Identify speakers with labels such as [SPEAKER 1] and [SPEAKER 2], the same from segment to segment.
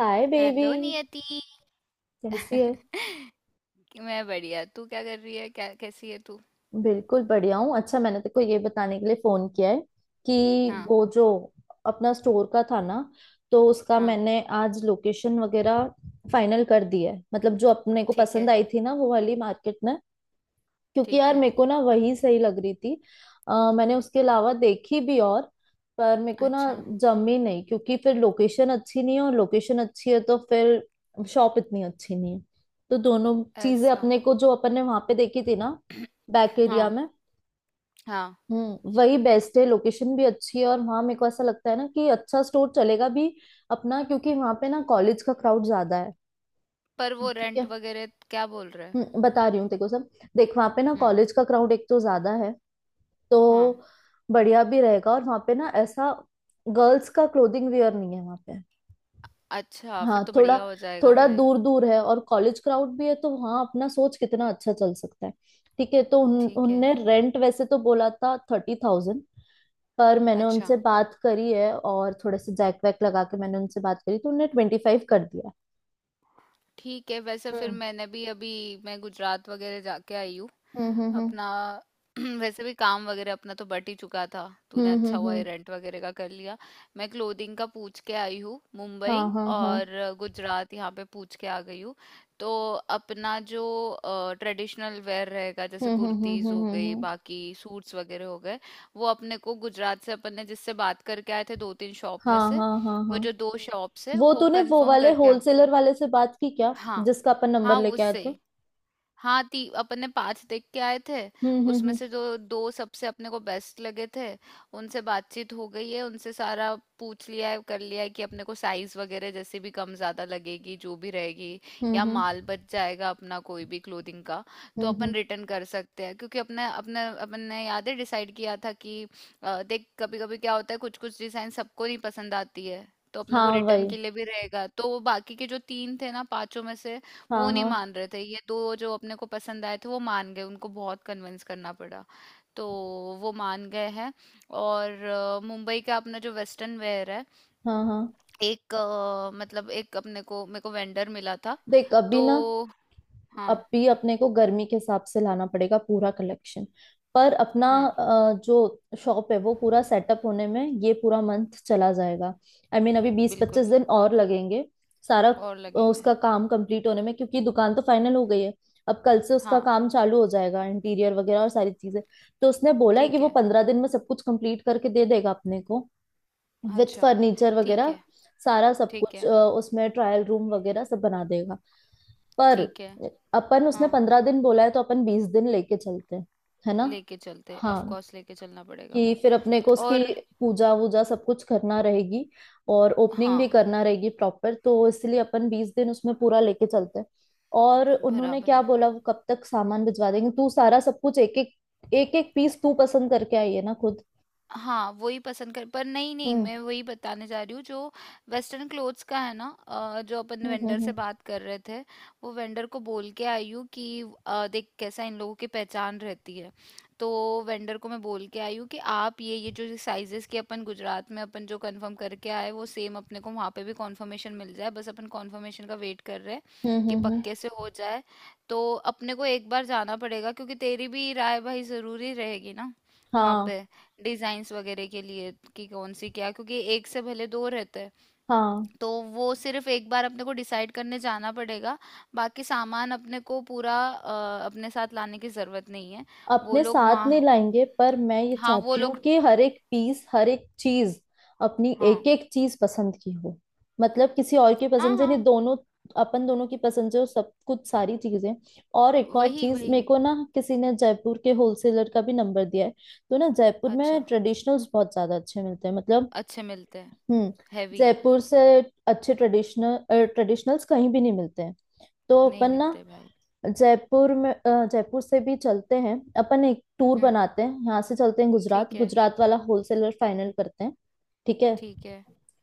[SPEAKER 1] हाय baby.
[SPEAKER 2] Hello Niyati.
[SPEAKER 1] कैसी है?
[SPEAKER 2] कि मैं बढ़िया। तू क्या कर रही है? क्या कैसी है तू?
[SPEAKER 1] बिल्कुल बढ़िया हूँ। अच्छा, मैंने तेको ये बताने के लिए फोन किया है कि
[SPEAKER 2] हाँ।
[SPEAKER 1] वो जो अपना स्टोर का था ना, तो उसका
[SPEAKER 2] हाँ,
[SPEAKER 1] मैंने आज लोकेशन वगैरह फाइनल कर दिया है। मतलब जो अपने को
[SPEAKER 2] ठीक
[SPEAKER 1] पसंद
[SPEAKER 2] है।
[SPEAKER 1] आई थी ना, वो वाली मार्केट में। क्योंकि
[SPEAKER 2] ठीक
[SPEAKER 1] यार
[SPEAKER 2] है।
[SPEAKER 1] मेरे को ना वही सही लग रही थी। मैंने उसके अलावा देखी भी, और पर मेरे को ना
[SPEAKER 2] अच्छा।
[SPEAKER 1] जमी नहीं, क्योंकि फिर लोकेशन अच्छी नहीं है, और लोकेशन अच्छी है तो फिर शॉप इतनी अच्छी नहीं है। तो दोनों चीजें
[SPEAKER 2] ऐसा।
[SPEAKER 1] अपने को जो अपन ने वहां पे देखी थी ना, बैक एरिया
[SPEAKER 2] हाँ।
[SPEAKER 1] में,
[SPEAKER 2] हाँ,
[SPEAKER 1] वही बेस्ट है। लोकेशन भी अच्छी है, और वहां मेरे को ऐसा लगता है ना कि अच्छा स्टोर चलेगा भी अपना, क्योंकि वहां पे ना कॉलेज का क्राउड ज्यादा है।
[SPEAKER 2] पर वो
[SPEAKER 1] ठीक
[SPEAKER 2] रेंट
[SPEAKER 1] है।
[SPEAKER 2] वगैरह क्या बोल रहा है?
[SPEAKER 1] बता रही हूँ तेरे को सब। देख वहां पे ना
[SPEAKER 2] हम्म।
[SPEAKER 1] कॉलेज का क्राउड एक तो ज्यादा है, तो
[SPEAKER 2] हाँ,
[SPEAKER 1] बढ़िया भी रहेगा। और वहां पे ना ऐसा गर्ल्स का क्लोथिंग वेयर नहीं है वहां पे।
[SPEAKER 2] अच्छा फिर
[SPEAKER 1] हाँ,
[SPEAKER 2] तो
[SPEAKER 1] थोड़ा
[SPEAKER 2] बढ़िया हो जाएगा
[SPEAKER 1] थोड़ा
[SPEAKER 2] भाई।
[SPEAKER 1] दूर दूर है और कॉलेज क्राउड भी है, तो वहाँ अपना सोच कितना अच्छा चल सकता है। ठीक है। तो
[SPEAKER 2] ठीक है।
[SPEAKER 1] उनने रेंट वैसे तो बोला था 30,000। पर मैंने
[SPEAKER 2] अच्छा,
[SPEAKER 1] उनसे बात करी है, और थोड़े से जैक वैक लगा के मैंने उनसे बात करी, तो उनने 25 कर दिया।
[SPEAKER 2] ठीक है। वैसे फिर
[SPEAKER 1] हम्म
[SPEAKER 2] मैंने भी अभी मैं गुजरात वगैरह जाके आई हूँ।
[SPEAKER 1] हम्म हम्म
[SPEAKER 2] अपना वैसे भी काम वगैरह अपना तो बट ही चुका था।
[SPEAKER 1] हम्म
[SPEAKER 2] तूने
[SPEAKER 1] हम्म
[SPEAKER 2] अच्छा
[SPEAKER 1] हम्म
[SPEAKER 2] हुआ ये
[SPEAKER 1] हम्म,
[SPEAKER 2] रेंट वगैरह का कर लिया। मैं क्लोथिंग का पूछ के आई हूँ मुंबई
[SPEAKER 1] हाँ हाँ हाँ।
[SPEAKER 2] और गुजरात। यहाँ पे पूछ के आ गई हूँ। तो अपना जो ट्रेडिशनल वेयर रहेगा, जैसे
[SPEAKER 1] हम्म हम्म हम्म
[SPEAKER 2] कुर्तीज
[SPEAKER 1] हम्म
[SPEAKER 2] हो
[SPEAKER 1] हम्म
[SPEAKER 2] गई,
[SPEAKER 1] हम्म।
[SPEAKER 2] बाकी सूट्स वगैरह हो गए। वो अपने को गुजरात से अपन ने जिससे बात करके आए थे दो तीन शॉप में
[SPEAKER 1] हाँ
[SPEAKER 2] से,
[SPEAKER 1] हाँ हाँ
[SPEAKER 2] वो
[SPEAKER 1] हाँ।
[SPEAKER 2] जो दो शॉप्स है
[SPEAKER 1] वो
[SPEAKER 2] वो
[SPEAKER 1] तूने वो
[SPEAKER 2] कंफर्म
[SPEAKER 1] वाले
[SPEAKER 2] करके
[SPEAKER 1] होलसेलर वाले से बात की क्या,
[SPEAKER 2] हाँ।
[SPEAKER 1] जिसका अपन नंबर
[SPEAKER 2] हाँ,
[SPEAKER 1] लेके आए
[SPEAKER 2] उससे।
[SPEAKER 1] थे?
[SPEAKER 2] हाँ, ती अपन ने पांच देख के आए थे।
[SPEAKER 1] हम्म
[SPEAKER 2] उसमें
[SPEAKER 1] हम्म
[SPEAKER 2] से जो दो सबसे अपने को बेस्ट लगे थे उनसे बातचीत हो गई है। उनसे सारा पूछ लिया है, कर लिया है कि अपने को साइज वगैरह जैसे भी कम ज्यादा लगेगी जो भी रहेगी,
[SPEAKER 1] हम्म
[SPEAKER 2] या
[SPEAKER 1] हम्म हम्म
[SPEAKER 2] माल बच जाएगा अपना कोई भी क्लोथिंग का, तो
[SPEAKER 1] हम्म,
[SPEAKER 2] अपन
[SPEAKER 1] हम्म,
[SPEAKER 2] रिटर्न कर सकते हैं। क्योंकि अपने अपने अपन ने याद है डिसाइड किया था कि देख, कभी कभी क्या होता है, कुछ कुछ डिजाइन सबको नहीं पसंद आती है। तो अपने को
[SPEAKER 1] हाँ
[SPEAKER 2] रिटर्न
[SPEAKER 1] वही।
[SPEAKER 2] के लिए भी रहेगा। तो वो बाकी के जो तीन थे ना पांचों में से, वो
[SPEAKER 1] हाँ
[SPEAKER 2] नहीं
[SPEAKER 1] हाँ
[SPEAKER 2] मान रहे थे। ये दो जो अपने को पसंद आए थे वो मान गए, उनको बहुत कन्विंस करना पड़ा। तो वो मान गए हैं। और मुंबई का अपना जो वेस्टर्न वेयर है,
[SPEAKER 1] हाँ हाँ।
[SPEAKER 2] एक मतलब एक अपने को मेरे को वेंडर मिला था।
[SPEAKER 1] देख अभी
[SPEAKER 2] तो
[SPEAKER 1] ना,
[SPEAKER 2] हाँ।
[SPEAKER 1] अब भी अपने को गर्मी के हिसाब से लाना पड़ेगा पूरा कलेक्शन। पर अपना
[SPEAKER 2] हम्म।
[SPEAKER 1] जो शॉप है वो पूरा सेटअप होने में ये पूरा मंथ चला जाएगा। आई मीन अभी बीस पच्चीस
[SPEAKER 2] बिल्कुल।
[SPEAKER 1] दिन और लगेंगे सारा
[SPEAKER 2] और लगेंगे।
[SPEAKER 1] उसका काम कंप्लीट होने में, क्योंकि दुकान तो फाइनल हो गई है। अब कल से उसका
[SPEAKER 2] हाँ,
[SPEAKER 1] काम चालू हो जाएगा, इंटीरियर वगैरह और सारी चीजें। तो उसने बोला है कि
[SPEAKER 2] ठीक
[SPEAKER 1] वो
[SPEAKER 2] है।
[SPEAKER 1] 15 दिन में सब कुछ कंप्लीट करके दे देगा अपने को, विथ
[SPEAKER 2] अच्छा।
[SPEAKER 1] फर्नीचर
[SPEAKER 2] ठीक
[SPEAKER 1] वगैरह।
[SPEAKER 2] है।
[SPEAKER 1] सारा सब
[SPEAKER 2] ठीक
[SPEAKER 1] कुछ
[SPEAKER 2] है।
[SPEAKER 1] उसमें ट्रायल रूम वगैरह सब बना देगा। पर
[SPEAKER 2] ठीक है।
[SPEAKER 1] अपन, उसने
[SPEAKER 2] हाँ,
[SPEAKER 1] 15 दिन बोला है तो अपन 20 दिन लेके चलते हैं, है ना।
[SPEAKER 2] लेके चलते ऑफ
[SPEAKER 1] हाँ,
[SPEAKER 2] कोर्स लेके चलना पड़ेगा
[SPEAKER 1] कि
[SPEAKER 2] वो।
[SPEAKER 1] फिर अपने को उसकी
[SPEAKER 2] और
[SPEAKER 1] पूजा वूजा सब कुछ करना रहेगी, और ओपनिंग भी
[SPEAKER 2] हाँ,
[SPEAKER 1] करना रहेगी प्रॉपर, तो इसलिए अपन 20 दिन उसमें पूरा लेके चलते हैं। और उन्होंने
[SPEAKER 2] बराबर
[SPEAKER 1] क्या
[SPEAKER 2] है।
[SPEAKER 1] बोला वो कब तक सामान भिजवा देंगे? तू सारा सब कुछ एक एक पीस तू पसंद करके आई है ना खुद।
[SPEAKER 2] हाँ, वही पसंद कर। पर नहीं-नहीं,
[SPEAKER 1] हम्म
[SPEAKER 2] मैं वही बताने जा रही हूँ जो वेस्टर्न क्लोथ्स का है ना। जो अपन
[SPEAKER 1] हम्म
[SPEAKER 2] वेंडर
[SPEAKER 1] हम्म
[SPEAKER 2] से बात कर रहे थे, वो वेंडर को बोल के आई हूँ कि देख कैसा इन लोगों की पहचान रहती है। तो वेंडर को मैं बोल के आई हूँ कि आप ये जो साइजेस के अपन गुजरात में अपन जो कंफर्म करके आए, वो सेम अपने को वहाँ पे भी कंफर्मेशन मिल जाए। बस अपन कंफर्मेशन का वेट कर रहे हैं
[SPEAKER 1] हम्म हम्म
[SPEAKER 2] कि
[SPEAKER 1] हम्म, हम्म।
[SPEAKER 2] पक्के से हो जाए। तो अपने को एक बार जाना पड़ेगा, क्योंकि तेरी भी राय भाई ज़रूरी रहेगी ना वहाँ
[SPEAKER 1] हाँ
[SPEAKER 2] पे डिजाइन्स वगैरह के लिए, कि कौन सी क्या। क्योंकि एक से भले दो रहते हैं,
[SPEAKER 1] हाँ।
[SPEAKER 2] तो वो सिर्फ एक बार अपने को डिसाइड करने जाना पड़ेगा। बाकी सामान अपने को पूरा अपने साथ लाने की जरूरत नहीं है। वो
[SPEAKER 1] अपने
[SPEAKER 2] लोग
[SPEAKER 1] साथ नहीं
[SPEAKER 2] वहाँ।
[SPEAKER 1] लाएंगे, पर मैं ये
[SPEAKER 2] हाँ, वो
[SPEAKER 1] चाहती हूँ
[SPEAKER 2] लोग।
[SPEAKER 1] कि हर एक पीस, हर एक चीज, अपनी
[SPEAKER 2] हाँ।
[SPEAKER 1] एक एक चीज पसंद की हो। मतलब किसी और की
[SPEAKER 2] हाँ।
[SPEAKER 1] पसंद से नहीं,
[SPEAKER 2] हाँ,
[SPEAKER 1] दोनों अपन दोनों की पसंद से हो सब कुछ सारी चीजें। और एक और
[SPEAKER 2] वही,
[SPEAKER 1] चीज,
[SPEAKER 2] वही।
[SPEAKER 1] मेरे को ना किसी ने जयपुर के होलसेलर का भी नंबर दिया है। तो ना जयपुर में
[SPEAKER 2] अच्छा,
[SPEAKER 1] ट्रेडिशनल्स बहुत ज्यादा अच्छे मिलते हैं, मतलब।
[SPEAKER 2] अच्छे मिलते हैं।
[SPEAKER 1] हम्म।
[SPEAKER 2] हैवी
[SPEAKER 1] जयपुर से अच्छे ट्रेडिशनल, ट्रेडिशनल्स कहीं भी नहीं मिलते हैं। तो
[SPEAKER 2] नहीं
[SPEAKER 1] अपन ना
[SPEAKER 2] मिलते भाई।
[SPEAKER 1] जयपुर में जयपुर से भी चलते हैं, अपन एक टूर
[SPEAKER 2] हम्म।
[SPEAKER 1] बनाते हैं, यहाँ से चलते हैं, गुजरात,
[SPEAKER 2] ठीक है।
[SPEAKER 1] गुजरात वाला होलसेलर फाइनल करते हैं। ठीक है।
[SPEAKER 2] ठीक है।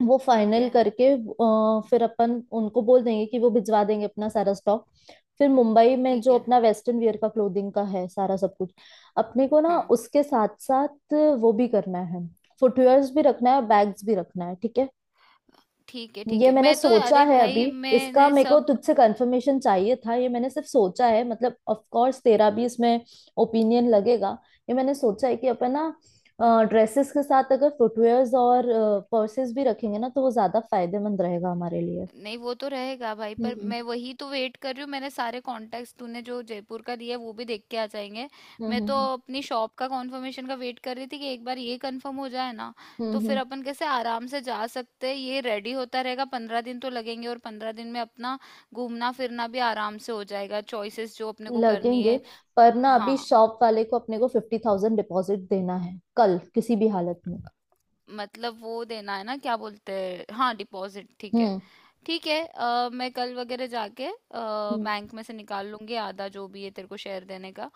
[SPEAKER 1] वो
[SPEAKER 2] ठीक
[SPEAKER 1] फाइनल
[SPEAKER 2] है।
[SPEAKER 1] करके फिर अपन उनको बोल देंगे कि वो भिजवा देंगे अपना सारा स्टॉक। फिर मुंबई में
[SPEAKER 2] ठीक
[SPEAKER 1] जो
[SPEAKER 2] है।
[SPEAKER 1] अपना वेस्टर्न वियर का क्लोथिंग का है सारा सब कुछ, अपने को ना
[SPEAKER 2] हाँ,
[SPEAKER 1] उसके साथ साथ वो भी करना है। फुटवेयर्स भी रखना है, और बैग्स भी रखना है। ठीक है,
[SPEAKER 2] ठीक है। ठीक
[SPEAKER 1] ये
[SPEAKER 2] है,
[SPEAKER 1] मैंने
[SPEAKER 2] मैं तो
[SPEAKER 1] सोचा
[SPEAKER 2] अरे
[SPEAKER 1] है अभी।
[SPEAKER 2] भाई
[SPEAKER 1] इसका
[SPEAKER 2] मैंने
[SPEAKER 1] मेरे को
[SPEAKER 2] सब।
[SPEAKER 1] तुझसे कंफर्मेशन चाहिए था, ये मैंने सिर्फ सोचा है, मतलब ऑफ कोर्स तेरा भी इसमें ओपिनियन लगेगा। ये मैंने सोचा है कि अपन ना ड्रेसेस के साथ अगर फुटवेयर्स और पर्सेस भी रखेंगे ना, तो वो ज्यादा फायदेमंद रहेगा हमारे लिए।
[SPEAKER 2] नहीं, वो तो रहेगा भाई। पर
[SPEAKER 1] हम्म
[SPEAKER 2] मैं वही तो वेट कर रही हूँ। मैंने सारे कॉन्टैक्ट्स, तूने जो जयपुर का दिया है, वो भी देख के आ जाएंगे।
[SPEAKER 1] हम्म
[SPEAKER 2] मैं तो
[SPEAKER 1] हम्म
[SPEAKER 2] अपनी शॉप का कॉन्फर्मेशन का वेट कर रही थी कि एक बार ये कंफर्म हो जाए ना।
[SPEAKER 1] हम्म
[SPEAKER 2] तो फिर
[SPEAKER 1] हम्म
[SPEAKER 2] अपन कैसे आराम से जा सकते हैं। ये रेडी होता रहेगा, 15 दिन तो लगेंगे। और 15 दिन में अपना घूमना फिरना भी आराम से हो जाएगा, चॉइसेस जो अपने को करनी
[SPEAKER 1] लगेंगे।
[SPEAKER 2] है।
[SPEAKER 1] पर ना अभी
[SPEAKER 2] हाँ,
[SPEAKER 1] शॉप वाले को अपने को 50,000 डिपॉजिट देना है कल किसी भी हालत में।
[SPEAKER 2] मतलब वो देना है ना। क्या बोलते हैं, हाँ, डिपॉजिट, ठीक है।
[SPEAKER 1] हम्म
[SPEAKER 2] ठीक है, मैं कल वगैरह जाके
[SPEAKER 1] हम्म।
[SPEAKER 2] बैंक में से निकाल लूंगी आधा, जो भी है तेरे को शेयर देने का।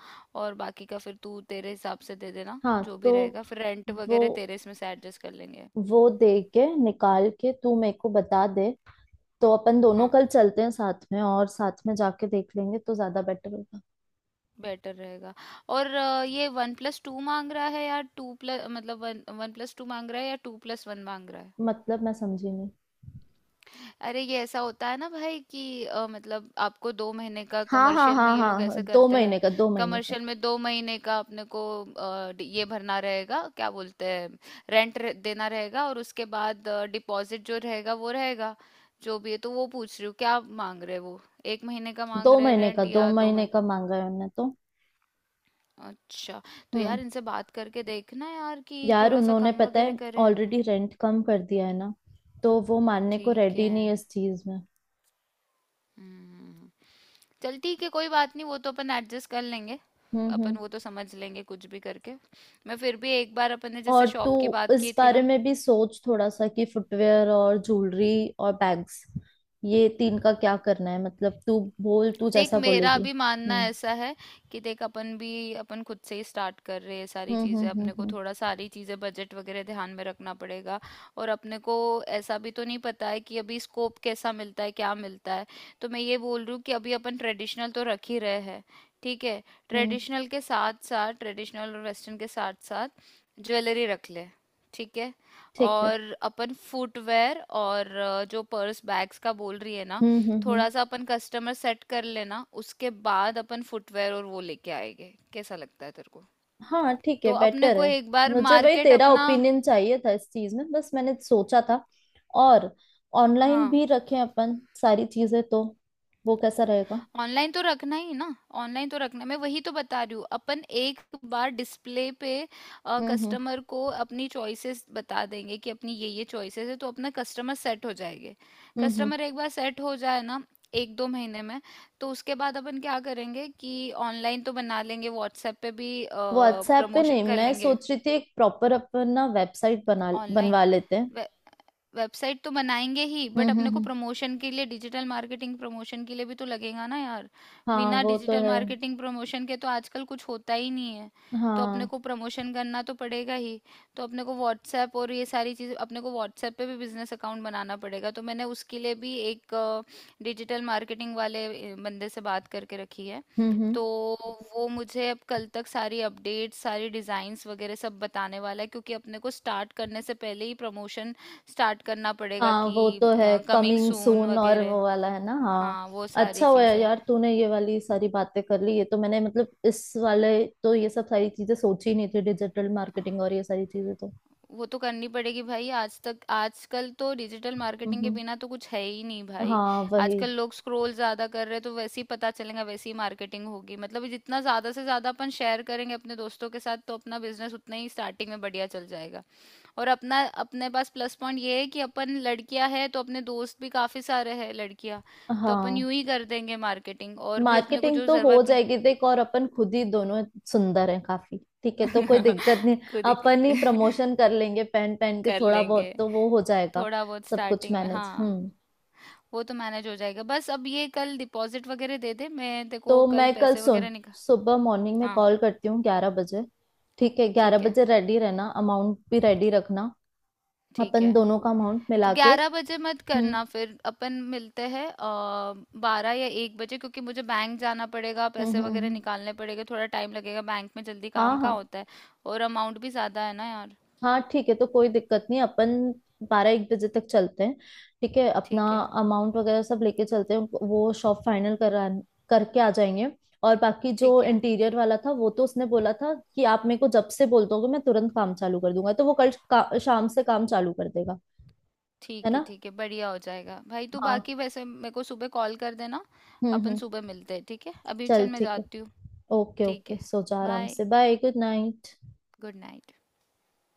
[SPEAKER 2] और बाकी का फिर तू तेरे हिसाब से दे देना,
[SPEAKER 1] हाँ,
[SPEAKER 2] जो
[SPEAKER 1] तो
[SPEAKER 2] भी रहेगा। फिर रेंट
[SPEAKER 1] वो
[SPEAKER 2] वगैरह तेरे इसमें से एडजस्ट कर लेंगे।
[SPEAKER 1] वो दे के निकाल के तू मेरे को बता दे। तो अपन दोनों
[SPEAKER 2] हाँ,
[SPEAKER 1] कल चलते हैं साथ में, और साथ में जाके देख लेंगे तो ज्यादा बेटर होगा।
[SPEAKER 2] बेटर रहेगा। और ये वन प्लस टू मांग रहा है या टू प्लस, मतलब वन वन प्लस टू मांग रहा है या टू प्लस वन मांग रहा है?
[SPEAKER 1] मतलब मैं समझी नहीं।
[SPEAKER 2] अरे, ये ऐसा होता है ना भाई कि मतलब आपको 2 महीने का
[SPEAKER 1] हाँ हाँ
[SPEAKER 2] कमर्शियल में
[SPEAKER 1] हाँ
[SPEAKER 2] ये
[SPEAKER 1] हाँ
[SPEAKER 2] लोग
[SPEAKER 1] हाँ,
[SPEAKER 2] ऐसे
[SPEAKER 1] दो
[SPEAKER 2] करते हैं।
[SPEAKER 1] महीने का, 2 महीने का,
[SPEAKER 2] कमर्शियल में 2 महीने का अपने को ये भरना रहेगा, क्या बोलते हैं, रेंट देना रहेगा। और उसके बाद डिपॉजिट जो रहेगा वो रहेगा, जो भी है। तो वो पूछ रही हूँ क्या मांग रहे हैं वो, 1 महीने का मांग
[SPEAKER 1] दो
[SPEAKER 2] रहे हैं
[SPEAKER 1] महीने का,
[SPEAKER 2] रेंट
[SPEAKER 1] दो
[SPEAKER 2] या दो
[SPEAKER 1] महीने
[SPEAKER 2] महीने
[SPEAKER 1] का मांगा है उन्होंने तो।
[SPEAKER 2] अच्छा, तो
[SPEAKER 1] हम्म।
[SPEAKER 2] यार इनसे बात करके देखना यार कि
[SPEAKER 1] यार
[SPEAKER 2] थोड़ा सा
[SPEAKER 1] उन्होंने
[SPEAKER 2] कम
[SPEAKER 1] पता
[SPEAKER 2] वगैरह
[SPEAKER 1] है
[SPEAKER 2] करे।
[SPEAKER 1] ऑलरेडी रेंट कम कर दिया है ना, तो वो मानने को
[SPEAKER 2] ठीक
[SPEAKER 1] रेडी
[SPEAKER 2] है।
[SPEAKER 1] नहीं है इस चीज में।
[SPEAKER 2] हम्म। चल ठीक है, कोई बात नहीं, वो तो अपन एडजस्ट कर लेंगे। अपन
[SPEAKER 1] हम्म।
[SPEAKER 2] वो तो समझ लेंगे कुछ भी करके। मैं फिर भी एक बार, अपन ने जैसे
[SPEAKER 1] और तू
[SPEAKER 2] शॉप की बात
[SPEAKER 1] इस
[SPEAKER 2] की थी
[SPEAKER 1] बारे
[SPEAKER 2] ना,
[SPEAKER 1] में भी सोच थोड़ा सा, कि फुटवेयर और ज्वेलरी और बैग्स, ये तीन का क्या करना है। मतलब तू बोल, तू
[SPEAKER 2] देख
[SPEAKER 1] जैसा
[SPEAKER 2] मेरा
[SPEAKER 1] बोलेगी।
[SPEAKER 2] भी मानना
[SPEAKER 1] हम्म
[SPEAKER 2] ऐसा है कि देख, अपन भी अपन खुद से ही स्टार्ट कर रहे हैं सारी
[SPEAKER 1] हम्म हम्म
[SPEAKER 2] चीज़ें।
[SPEAKER 1] हम्म
[SPEAKER 2] अपने को
[SPEAKER 1] हम्म
[SPEAKER 2] थोड़ा सारी चीज़ें बजट वगैरह ध्यान में रखना पड़ेगा। और अपने को ऐसा भी तो नहीं पता है कि अभी स्कोप कैसा मिलता है, क्या मिलता है। तो मैं ये बोल रही हूँ कि अभी अपन ट्रेडिशनल तो रख ही रहे हैं, ठीक है?
[SPEAKER 1] हम्म,
[SPEAKER 2] ट्रेडिशनल के साथ साथ, ट्रेडिशनल और वेस्टर्न के साथ साथ ज्वेलरी रख ले, ठीक है?
[SPEAKER 1] ठीक है।
[SPEAKER 2] और अपन फुटवेयर और जो पर्स बैग्स का बोल रही है ना,
[SPEAKER 1] हम्म।
[SPEAKER 2] थोड़ा सा अपन कस्टमर सेट कर लेना, उसके बाद अपन फुटवेयर और वो लेके आएंगे। कैसा लगता है तेरे को?
[SPEAKER 1] हाँ ठीक है,
[SPEAKER 2] तो अपने
[SPEAKER 1] बेटर
[SPEAKER 2] को
[SPEAKER 1] है।
[SPEAKER 2] एक बार
[SPEAKER 1] मुझे वही
[SPEAKER 2] मार्केट
[SPEAKER 1] तेरा
[SPEAKER 2] अपना।
[SPEAKER 1] ओपिनियन चाहिए था इस चीज में, बस मैंने सोचा था। और ऑनलाइन
[SPEAKER 2] हाँ,
[SPEAKER 1] भी रखें अपन सारी चीजें, तो वो कैसा रहेगा?
[SPEAKER 2] ऑनलाइन तो रखना ही ना। ऑनलाइन तो रखना, मैं वही तो बता रही हूँ। अपन एक बार डिस्प्ले पे
[SPEAKER 1] हम्म हम्म
[SPEAKER 2] कस्टमर को अपनी चॉइसेस बता देंगे कि अपनी ये चॉइसेस है, तो अपना कस्टमर सेट हो जाएंगे।
[SPEAKER 1] हम्म।
[SPEAKER 2] कस्टमर एक बार सेट हो जाए ना, एक दो महीने में। तो उसके बाद अपन क्या करेंगे कि ऑनलाइन तो बना लेंगे, व्हाट्सएप पे भी
[SPEAKER 1] व्हाट्सएप पे नहीं,
[SPEAKER 2] प्रमोशन कर
[SPEAKER 1] मैं
[SPEAKER 2] लेंगे
[SPEAKER 1] सोच रही थी एक प्रॉपर अपन ना वेबसाइट बना
[SPEAKER 2] online.
[SPEAKER 1] बनवा लेते हैं।
[SPEAKER 2] Wh- वेबसाइट तो बनाएंगे ही, बट अपने को
[SPEAKER 1] हम्म,
[SPEAKER 2] प्रमोशन के लिए डिजिटल मार्केटिंग प्रमोशन के लिए भी तो लगेगा ना यार।
[SPEAKER 1] हाँ
[SPEAKER 2] बिना
[SPEAKER 1] वो तो
[SPEAKER 2] डिजिटल
[SPEAKER 1] है।
[SPEAKER 2] मार्केटिंग प्रमोशन के तो आजकल कुछ होता ही नहीं है। तो अपने
[SPEAKER 1] हाँ
[SPEAKER 2] को प्रमोशन करना तो पड़ेगा ही। तो अपने को व्हाट्सएप और ये सारी चीज़, अपने को व्हाट्सएप पे भी बिजनेस अकाउंट बनाना पड़ेगा। तो मैंने उसके लिए भी एक डिजिटल मार्केटिंग वाले बंदे से बात करके रखी है।
[SPEAKER 1] हम्म,
[SPEAKER 2] तो वो मुझे अब कल तक सारी अपडेट्स, सारी डिज़ाइंस वगैरह सब बताने वाला है, क्योंकि अपने को स्टार्ट करने से पहले ही प्रमोशन स्टार्ट करना पड़ेगा
[SPEAKER 1] हाँ
[SPEAKER 2] कि
[SPEAKER 1] वो तो है।
[SPEAKER 2] कमिंग
[SPEAKER 1] कमिंग
[SPEAKER 2] सून
[SPEAKER 1] सून और
[SPEAKER 2] वगैरह।
[SPEAKER 1] वो वाला है ना, हाँ।
[SPEAKER 2] हाँ, वो सारी
[SPEAKER 1] अच्छा हुआ है
[SPEAKER 2] चीजें।
[SPEAKER 1] यार तूने ये वाली सारी बातें कर ली, ये तो मैंने, मतलब इस वाले तो ये सब सारी चीजें सोची ही नहीं थी, डिजिटल मार्केटिंग और ये सारी चीजें तो।
[SPEAKER 2] वो तो करनी पड़ेगी भाई, आज तक, आजकल तो डिजिटल
[SPEAKER 1] हम्म
[SPEAKER 2] मार्केटिंग के
[SPEAKER 1] हम्म।
[SPEAKER 2] बिना तो कुछ है ही नहीं भाई।
[SPEAKER 1] हाँ वही।
[SPEAKER 2] आजकल लोग स्क्रॉल ज्यादा कर रहे हैं, तो वैसे ही पता चलेगा, वैसे ही मार्केटिंग होगी। मतलब जितना ज्यादा से ज्यादा अपन शेयर करेंगे अपने दोस्तों के साथ, तो अपना बिजनेस उतना ही स्टार्टिंग में बढ़िया चल जाएगा। और अपना, अपने पास प्लस पॉइंट ये है कि अपन लड़कियां हैं, तो अपने दोस्त भी काफी सारे हैं लड़कियां। तो अपन
[SPEAKER 1] हाँ
[SPEAKER 2] यूं ही कर देंगे मार्केटिंग, और भी अपने को
[SPEAKER 1] मार्केटिंग
[SPEAKER 2] जो
[SPEAKER 1] तो हो
[SPEAKER 2] जरूरत
[SPEAKER 1] जाएगी देख, और अपन खुद ही दोनों सुंदर हैं काफी। ठीक है, तो कोई दिक्कत नहीं।
[SPEAKER 2] खुद
[SPEAKER 1] अपन ही
[SPEAKER 2] ही
[SPEAKER 1] प्रमोशन कर लेंगे पहन पहन के,
[SPEAKER 2] कर
[SPEAKER 1] थोड़ा बहुत
[SPEAKER 2] लेंगे
[SPEAKER 1] तो वो हो जाएगा।
[SPEAKER 2] थोड़ा बहुत
[SPEAKER 1] सब कुछ
[SPEAKER 2] स्टार्टिंग में।
[SPEAKER 1] मैनेज,
[SPEAKER 2] हाँ,
[SPEAKER 1] हम्म।
[SPEAKER 2] वो तो मैनेज हो जाएगा। बस अब ये कल डिपॉजिट वगैरह दे दे, मैं तेरे को
[SPEAKER 1] तो
[SPEAKER 2] कल
[SPEAKER 1] मैं कल
[SPEAKER 2] पैसे
[SPEAKER 1] सुन
[SPEAKER 2] वगैरह निकाल।
[SPEAKER 1] सुबह मॉर्निंग में
[SPEAKER 2] हाँ,
[SPEAKER 1] कॉल करती हूँ 11 बजे। ठीक है, ग्यारह
[SPEAKER 2] ठीक है।
[SPEAKER 1] बजे रेडी रहना, अमाउंट भी रेडी रखना।
[SPEAKER 2] ठीक
[SPEAKER 1] अपन
[SPEAKER 2] है,
[SPEAKER 1] दोनों का अमाउंट
[SPEAKER 2] तो
[SPEAKER 1] मिला के।
[SPEAKER 2] 11 बजे मत
[SPEAKER 1] हम्म
[SPEAKER 2] करना, फिर अपन मिलते हैं 12 या 1 बजे, क्योंकि मुझे बैंक जाना पड़ेगा,
[SPEAKER 1] हम्म
[SPEAKER 2] पैसे
[SPEAKER 1] हम्म
[SPEAKER 2] वगैरह
[SPEAKER 1] हम्म।
[SPEAKER 2] निकालने पड़ेंगे, थोड़ा टाइम लगेगा बैंक में, जल्दी
[SPEAKER 1] हाँ
[SPEAKER 2] काम का
[SPEAKER 1] हाँ।
[SPEAKER 2] होता है। और अमाउंट भी ज़्यादा है ना यार।
[SPEAKER 1] हाँ ठीक है, तो कोई दिक्कत नहीं, अपन 12-1 बजे तक चलते हैं। ठीक है, अपना
[SPEAKER 2] ठीक है।
[SPEAKER 1] अमाउंट वगैरह सब लेके चलते हैं उनको- वो शॉप फाइनल करा करके आ जाएंगे। और बाकी जो
[SPEAKER 2] ठीक है।
[SPEAKER 1] इंटीरियर वाला था वो तो उसने बोला था कि आप मेरे को जब से बोल दोगे मैं तुरंत काम चालू कर दूंगा, तो वो कल का, शाम से काम चालू कर देगा। है
[SPEAKER 2] ठीक है।
[SPEAKER 1] ना।
[SPEAKER 2] ठीक है, बढ़िया हो जाएगा भाई। तू
[SPEAKER 1] हाँ।
[SPEAKER 2] बाकी वैसे मेरे को सुबह कॉल कर देना। अपन
[SPEAKER 1] हम्म।
[SPEAKER 2] सुबह मिलते हैं, ठीक है? अभी चल,
[SPEAKER 1] चल
[SPEAKER 2] मैं
[SPEAKER 1] ठीक है।
[SPEAKER 2] जाती हूँ।
[SPEAKER 1] ओके
[SPEAKER 2] ठीक
[SPEAKER 1] ओके,
[SPEAKER 2] है,
[SPEAKER 1] सो जा आराम
[SPEAKER 2] बाय,
[SPEAKER 1] से, bye, good night.
[SPEAKER 2] Good night.